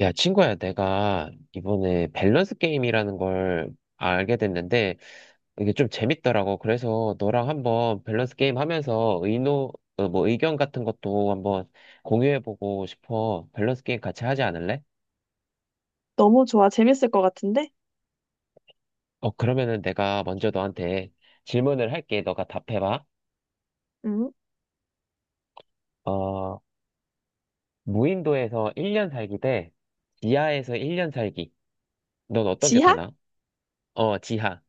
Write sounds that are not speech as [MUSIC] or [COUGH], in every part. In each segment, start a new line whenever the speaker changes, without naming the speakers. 야, 친구야, 내가 이번에 밸런스 게임이라는 걸 알게 됐는데, 이게 좀 재밌더라고. 그래서 너랑 한번 밸런스 게임 하면서 뭐 의견 같은 것도 한번 공유해보고 싶어. 밸런스 게임 같이 하지 않을래?
너무 좋아. 재밌을 것 같은데?
그러면은 내가 먼저 너한테 질문을 할게. 너가 답해봐.
응?
어, 무인도에서 1년 살기 대 지하에서 1년 살기. 넌 어떤 게 더
지하?
나아? 어, 지하.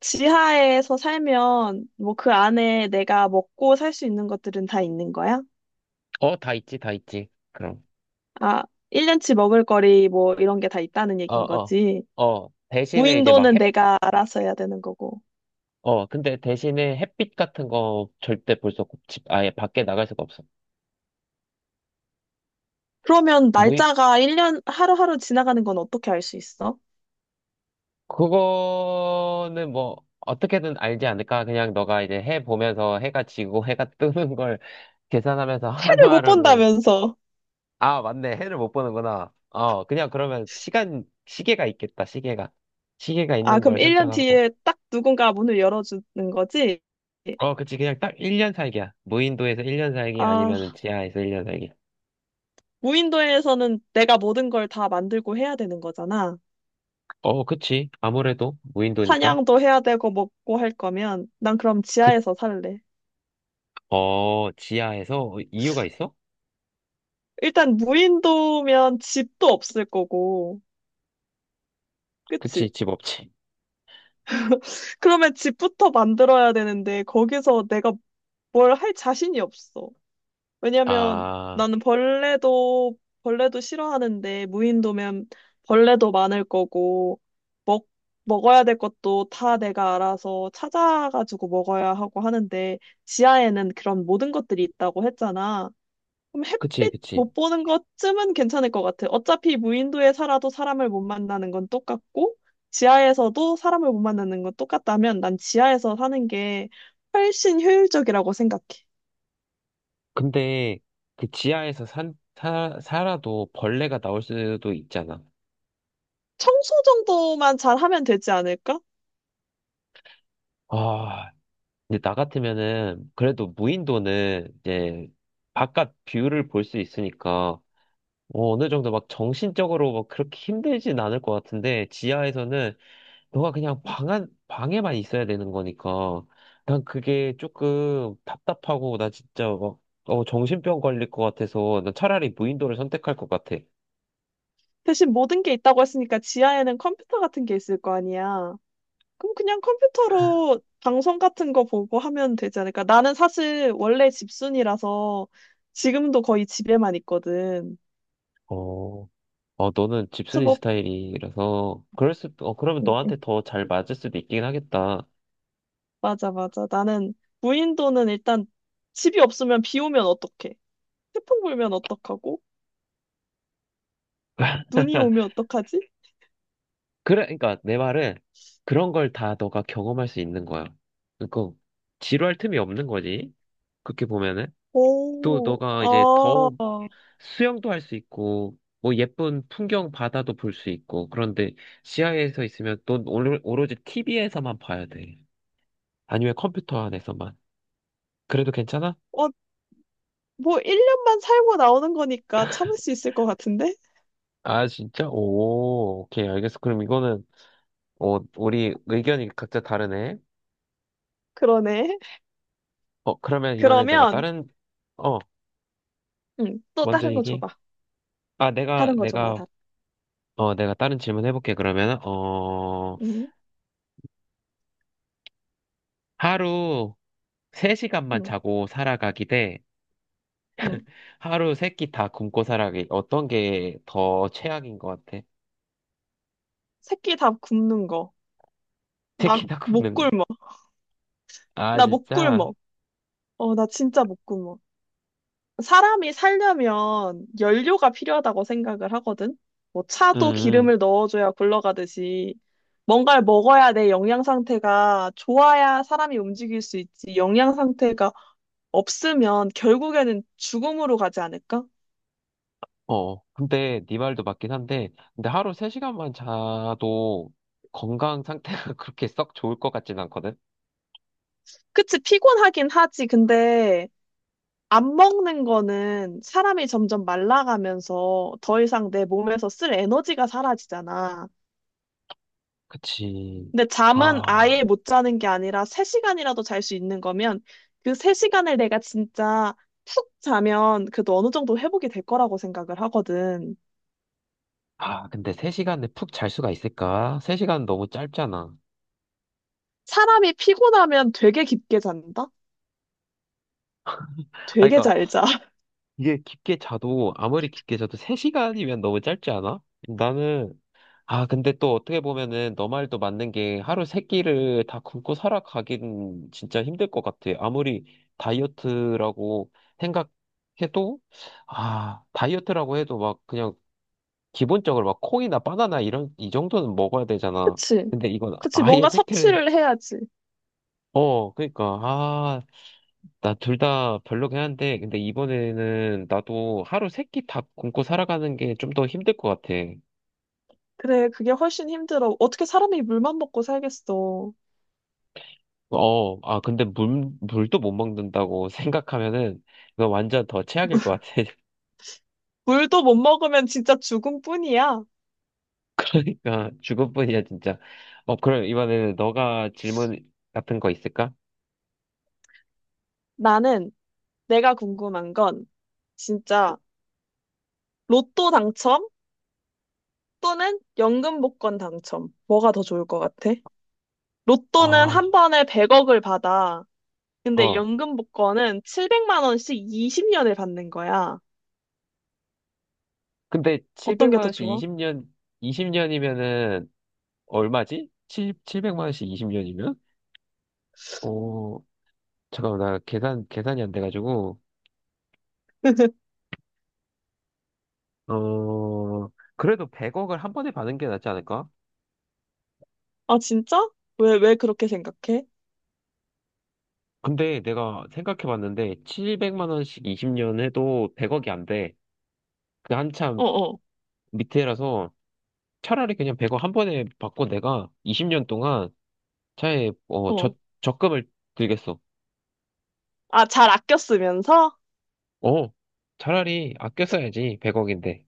지하에서 살면, 뭐, 그 안에 내가 먹고 살 수 있는 것들은 다 있는 거야?
어, 다 있지, 다 있지. 그럼.
아, 1년치 먹을 거리, 뭐, 이런 게 다 있다는
어,
얘긴
어,
거지.
어, 대신에 이제 막
무인도는
햇,
내가 알아서 해야 되는 거고.
어, 근데 대신에 햇빛 같은 거 절대 볼 수 없고, 집, 아예 밖에 나갈 수가 없어.
그러면
무이,
날짜가 1년, 하루하루 지나가는 건 어떻게 알 수 있어?
그거는 뭐, 어떻게든 알지 않을까? 그냥 너가 이제 해 보면서 해가 지고 [LAUGHS] 해가 뜨는 걸 [LAUGHS] 계산하면서
해를 못
하루하루를.
본다면서.
아, 맞네. 해를 못 보는구나. 그냥 그러면 시계가 있겠다, 시계가. 시계가
아,
있는
그럼
걸
1년
설정하고.
뒤에 딱 누군가 문을 열어주는 거지?
어, 그치. 그냥 딱 1년 살기야. 무인도에서 1년 살기
아,
아니면 지하에서 1년 살기.
무인도에서는 내가 모든 걸 다 만들고 해야 되는 거잖아.
어, 그치. 아무래도 무인도니까.
사냥도 해야 되고 먹고 할 거면 난 그럼
그,
지하에서 살래.
지하에서 이유가 있어?
일단 무인도면 집도 없을 거고,
그치,
그치?
집 없지.
그러면 집부터 만들어야 되는데 거기서 내가 뭘 할 자신이 없어. 왜냐면
아,
나는 벌레도 싫어하는데 무인도면 벌레도 많을 거고 먹 먹어야 될 것도 다 내가 알아서 찾아가지고 먹어야 하고 하는데 지하에는 그런 모든 것들이 있다고 했잖아. 그럼
그치,
햇빛
그치.
못 보는 것쯤은 괜찮을 것 같아. 어차피 무인도에 살아도 사람을 못 만나는 건 똑같고, 지하에서도 사람을 못 만나는 건 똑같다면 난 지하에서 사는 게 훨씬 효율적이라고 생각해.
근데 그 지하에서 살아도 벌레가 나올 수도 있잖아.
청소 정도만 잘하면 되지 않을까?
아, 근데 나 같으면은 그래도 무인도는 이제 바깥 뷰를 볼 수 있으니까 어느 정도 막 정신적으로 막 그렇게 힘들진 않을 것 같은데 지하에서는 너가 그냥 방 안, 방에만 있어야 되는 거니까. 난 그게 조금 답답하고, 나 진짜 막, 정신병 걸릴 것 같아서, 난 차라리 무인도를 선택할 것 같아.
대신 모든 게 있다고 했으니까 지하에는 컴퓨터 같은 게 있을 거 아니야. 그럼 그냥 컴퓨터로 방송 같은 거 보고 하면 되지 않을까? 나는 사실 원래 집순이라서 지금도 거의 집에만 있거든.
어, 어, 너는
그래서
집순이
뭐
스타일이라서, 그러면
음, 음.
너한테 더 잘 맞을 수도 있긴 하겠다.
맞아, 맞아. 나는 무인도는 일단 집이 없으면 비 오면 어떡해? 태풍 불면 어떡하고? 눈이 오면
[LAUGHS]
어떡하지?
그래, 그러니까 내 말은 그런 걸 다 너가 경험할 수 있는 거야. 그러니까 지루할 틈이 없는 거지. 그렇게 보면은 또
오,
너가
아,
이제 더 수영도 할 수 있고, 뭐 예쁜 풍경 바다도 볼 수 있고, 그런데 지하에서 있으면 또 오로지 TV에서만 봐야 돼. 아니면 컴퓨터 안에서만. 그래도 괜찮아?
뭐 1년만 살고 나오는 거니까 참을 수 있을 것 같은데?
아, 진짜? 오, 오케이, 알겠어. 그럼 이거는, 우리 의견이 각자 다르네.
그러네.
그러면 이번에 내가
그러면,
다른. 어,
응, 또
먼저
다른 거
얘기해.
줘봐.
아,
다른 거 줘봐, 다
내가 다른 질문 해볼게, 그러면.
응,
하루 3시간만
응,
자고 살아가기 대,
응.
하루 세 끼 다 굶고 살아기. 어떤 게 더 최악인 것 같아? [LAUGHS]
새끼 다 굽는 거.
세
나
끼 다
못
굶는 거.
굶어.
아,
나 못
진짜?
굶어. 나 진짜 못 굶어. 사람이 살려면 연료가 필요하다고 생각을 하거든. 뭐 차도
음,
기름을 넣어줘야 굴러가듯이 뭔가를 먹어야 내 영양 상태가 좋아야 사람이 움직일 수 있지. 영양 상태가 없으면 결국에는 죽음으로 가지 않을까?
어. 근데 네 말도 맞긴 한데, 근데 하루 3시간만 자도 건강 상태가 [LAUGHS] 그렇게 썩 좋을 것 같진 않거든?
그치, 피곤하긴 하지. 근데 안 먹는 거는 사람이 점점 말라가면서 더 이상 내 몸에서 쓸 에너지가 사라지잖아.
그치.
근데 잠은 아예
아,
못 자는 게 아니라 3시간이라도 잘 수 있는 거면 그 3시간을 내가 진짜 푹 자면 그래도 어느 정도 회복이 될 거라고 생각을 하거든.
아, 근데 3시간에 푹 잘 수가 있을까? 3시간 너무 짧잖아.
사람이 피곤하면 되게 깊게 잔다?
아,
되게
그러니까
잘 자. [LAUGHS]
이게 깊게 자도, 아무리 깊게 자도 3시간이면 너무 짧지 않아? 나는 아, 근데 또 어떻게 보면은 너 말도 맞는 게 하루 세 끼를 다 굶고 살아가긴 진짜 힘들 것 같아. 아무리 다이어트라고 생각해도, 다이어트라고 해도 막 그냥 기본적으로 막 콩이나 바나나 이 정도는 먹어야 되잖아.
그치?
근데 이건
그치,
아예
뭔가
세 끼를.
섭취를 해야지.
그러니까, 나 둘 다 별로긴 한데, 근데 이번에는 나도 하루 세끼 다 굶고 살아가는 게 좀 더 힘들 것 같아.
그래, 그게 훨씬 힘들어. 어떻게 사람이 물만 먹고 살겠어.
어, 아, 근데 물도 못 먹는다고 [LAUGHS] 생각하면은, 이거 완전 더 최악일 것 같아.
물도 못 먹으면 진짜 죽음뿐이야.
[LAUGHS] 그러니까, 죽을 뿐이야, 진짜. 그럼 이번에는 너가 질문 같은 거 있을까?
나는 내가 궁금한 건 진짜 로또 당첨? 또는 연금 복권 당첨. 뭐가 더 좋을 것 같아? 로또는
아,
한 번에 100억을 받아. 근데
어.
연금 복권은 700만 원씩 20년을 받는 거야.
근데
어떤 게
700만
더
원씩
좋아?
20년이면은, 얼마지? 7, 700만 원씩 20년이면? 어, 잠깐만, 나 계산이 안 돼가지고.
[LAUGHS]
어, 그래도 100억을 한 번에 받는 게 낫지 않을까?
아, 진짜? 왜, 왜 그렇게 생각해?
근데 내가 생각해봤는데 700만 원씩 20년 해도 100억이 안 돼. 그 한참
어, 어,
밑에라서 차라리 그냥 100억 한 번에 받고 내가 20년 동안 차에 어, 저,
어.
적금을 들겠어.
아, 잘 아껴 쓰면서?
어, 차라리 아껴 써야지 100억인데.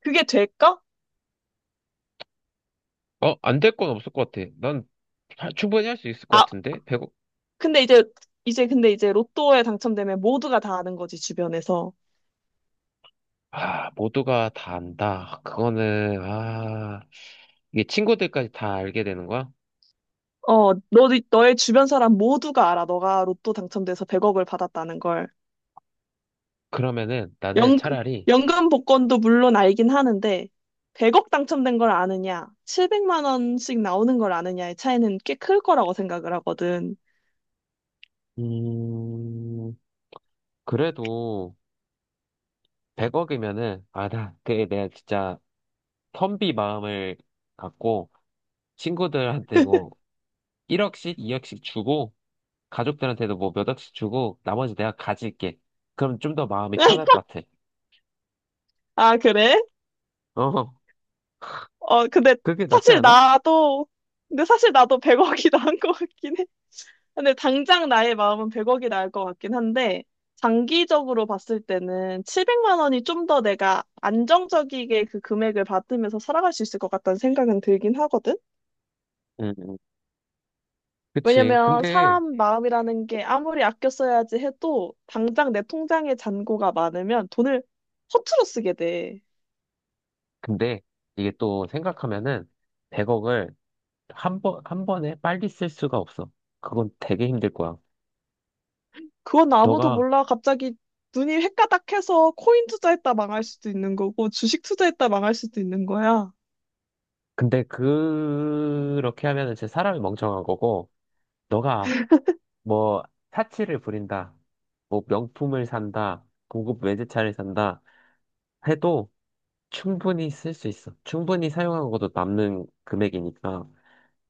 그게 될까?
안될 건 없을 것 같아. 난 충분히 할 수 있을 것
아,
같은데 100억.
근데 이제, 근데 이제 로또에 당첨되면 모두가 다 아는 거지, 주변에서.
아, 모두가 다 안다. 이게 친구들까지 다 알게 되는 거야?
어, 너의 주변 사람 모두가 알아. 너가 로또 당첨돼서 100억을 받았다는 걸.
그러면은 나는
연,
차라리.
연금 복권도 물론 알긴 하는데, 100억 당첨된 걸 아느냐, 700만 원씩 나오는 걸 아느냐의 차이는 꽤 클 거라고 생각을 하거든.
음. 그래도 100억이면은, 그게 내가 진짜 텀비 마음을 갖고, 친구들한테 뭐, 1억씩, 2억씩 주고, 가족들한테도 뭐 몇 억씩 주고, 나머지 내가 가질게. 그럼 좀 더 마음이 편할 것
[LAUGHS]
같아.
아, 그래?
어, [LAUGHS]
어,
그게 낫지
사실
않아?
나도, 근데 사실 나도 100억이 [LAUGHS] 나은 것 같긴 해. 근데 당장 나의 마음은 100억이 나을 것 같긴 한데, 장기적으로 봤을 때는 700만 원이 좀 더 내가 안정적이게 그 금액을 받으면서 살아갈 수 있을 것 같다는 생각은 들긴 하거든?
응, 응. 그치.
왜냐면 사람 마음이라는 게 아무리 아껴 써야지 해도 당장 내 통장에 잔고가 많으면 돈을 허투루 쓰게 돼.
근데, 이게 또 생각하면은, 100억을 한 번에 빨리 쓸 수가 없어. 그건 되게 힘들 거야.
그건 아무도
너가,
몰라. 갑자기 눈이 횟가닥해서 코인 투자했다 망할 수도 있는 거고 주식 투자했다 망할 수도 있는 거야.
근데 그렇게 하면은 진짜 사람이 멍청한 거고, 너가 뭐 사치를 부린다, 뭐 명품을 산다, 고급 외제차를 산다 해도 충분히 쓸 수 있어. 충분히 사용하고도 남는 금액이니까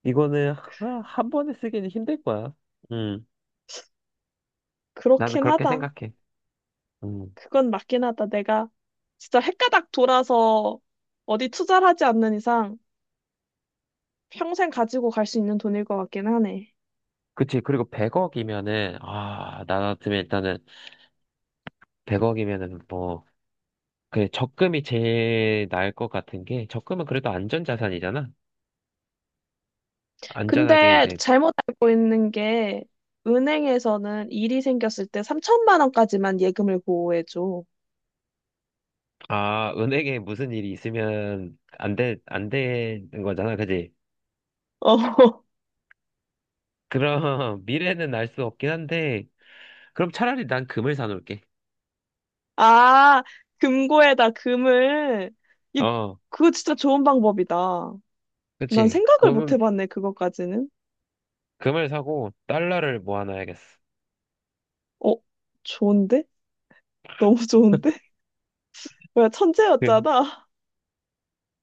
이거는 한 번에 쓰기는 힘들 거야. 음, 나는
그렇긴
그렇게
하다.
생각해. 음,
그건 맞긴 하다. 내가 진짜 횟가닥 돌아서 어디 투자를 하지 않는 이상 평생 가지고 갈 수 있는 돈일 것 같긴 하네.
그치. 그리고 100억이면은 아, 나 같으면 일단은 100억이면은 뭐 그 적금이 제일 나을 것 같은 게 적금은 그래도 안전 자산이잖아. 안전하게
근데
이제
잘못 알고 있는 게 은행에서는 일이 생겼을 때 3천만 원까지만 예금을 보호해줘.
은행에 무슨 일이 있으면 안 돼, 안 되는 거잖아, 그지?
어. [LAUGHS]
그럼 [LAUGHS] 미래는 알 수 없긴 한데, 그럼 차라리 난 금을 사놓을게.
아, 금고에다 금을. 이,
어,
그거 진짜 좋은 방법이다. 난
그치.
생각을 못 해봤네, 그거까지는.
금을 사고 달러를 모아놔야겠어.
어, 좋은데? 너무 좋은데? [LAUGHS] 뭐야,
그,
천재였잖아.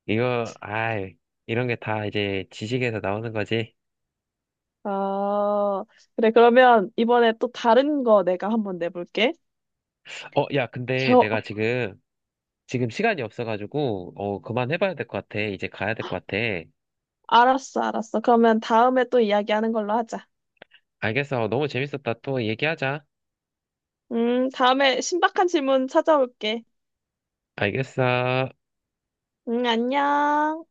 이거, 아이, 이런 게 다 이제 지식에서 나오는 거지.
아, 그래, 그러면 이번에 또 다른 거 내가 한번 내볼게.
야, 근데
겨,
내가 지금 시간이 없어가지고, 그만해봐야 될 것 같아. 이제 가야 될 것 같아.
알았어, 알았어. 그러면 다음에 또 이야기하는 걸로 하자.
알겠어. 너무 재밌었다. 또 얘기하자.
다음에 신박한 질문 찾아올게.
알겠어.
응, 안녕.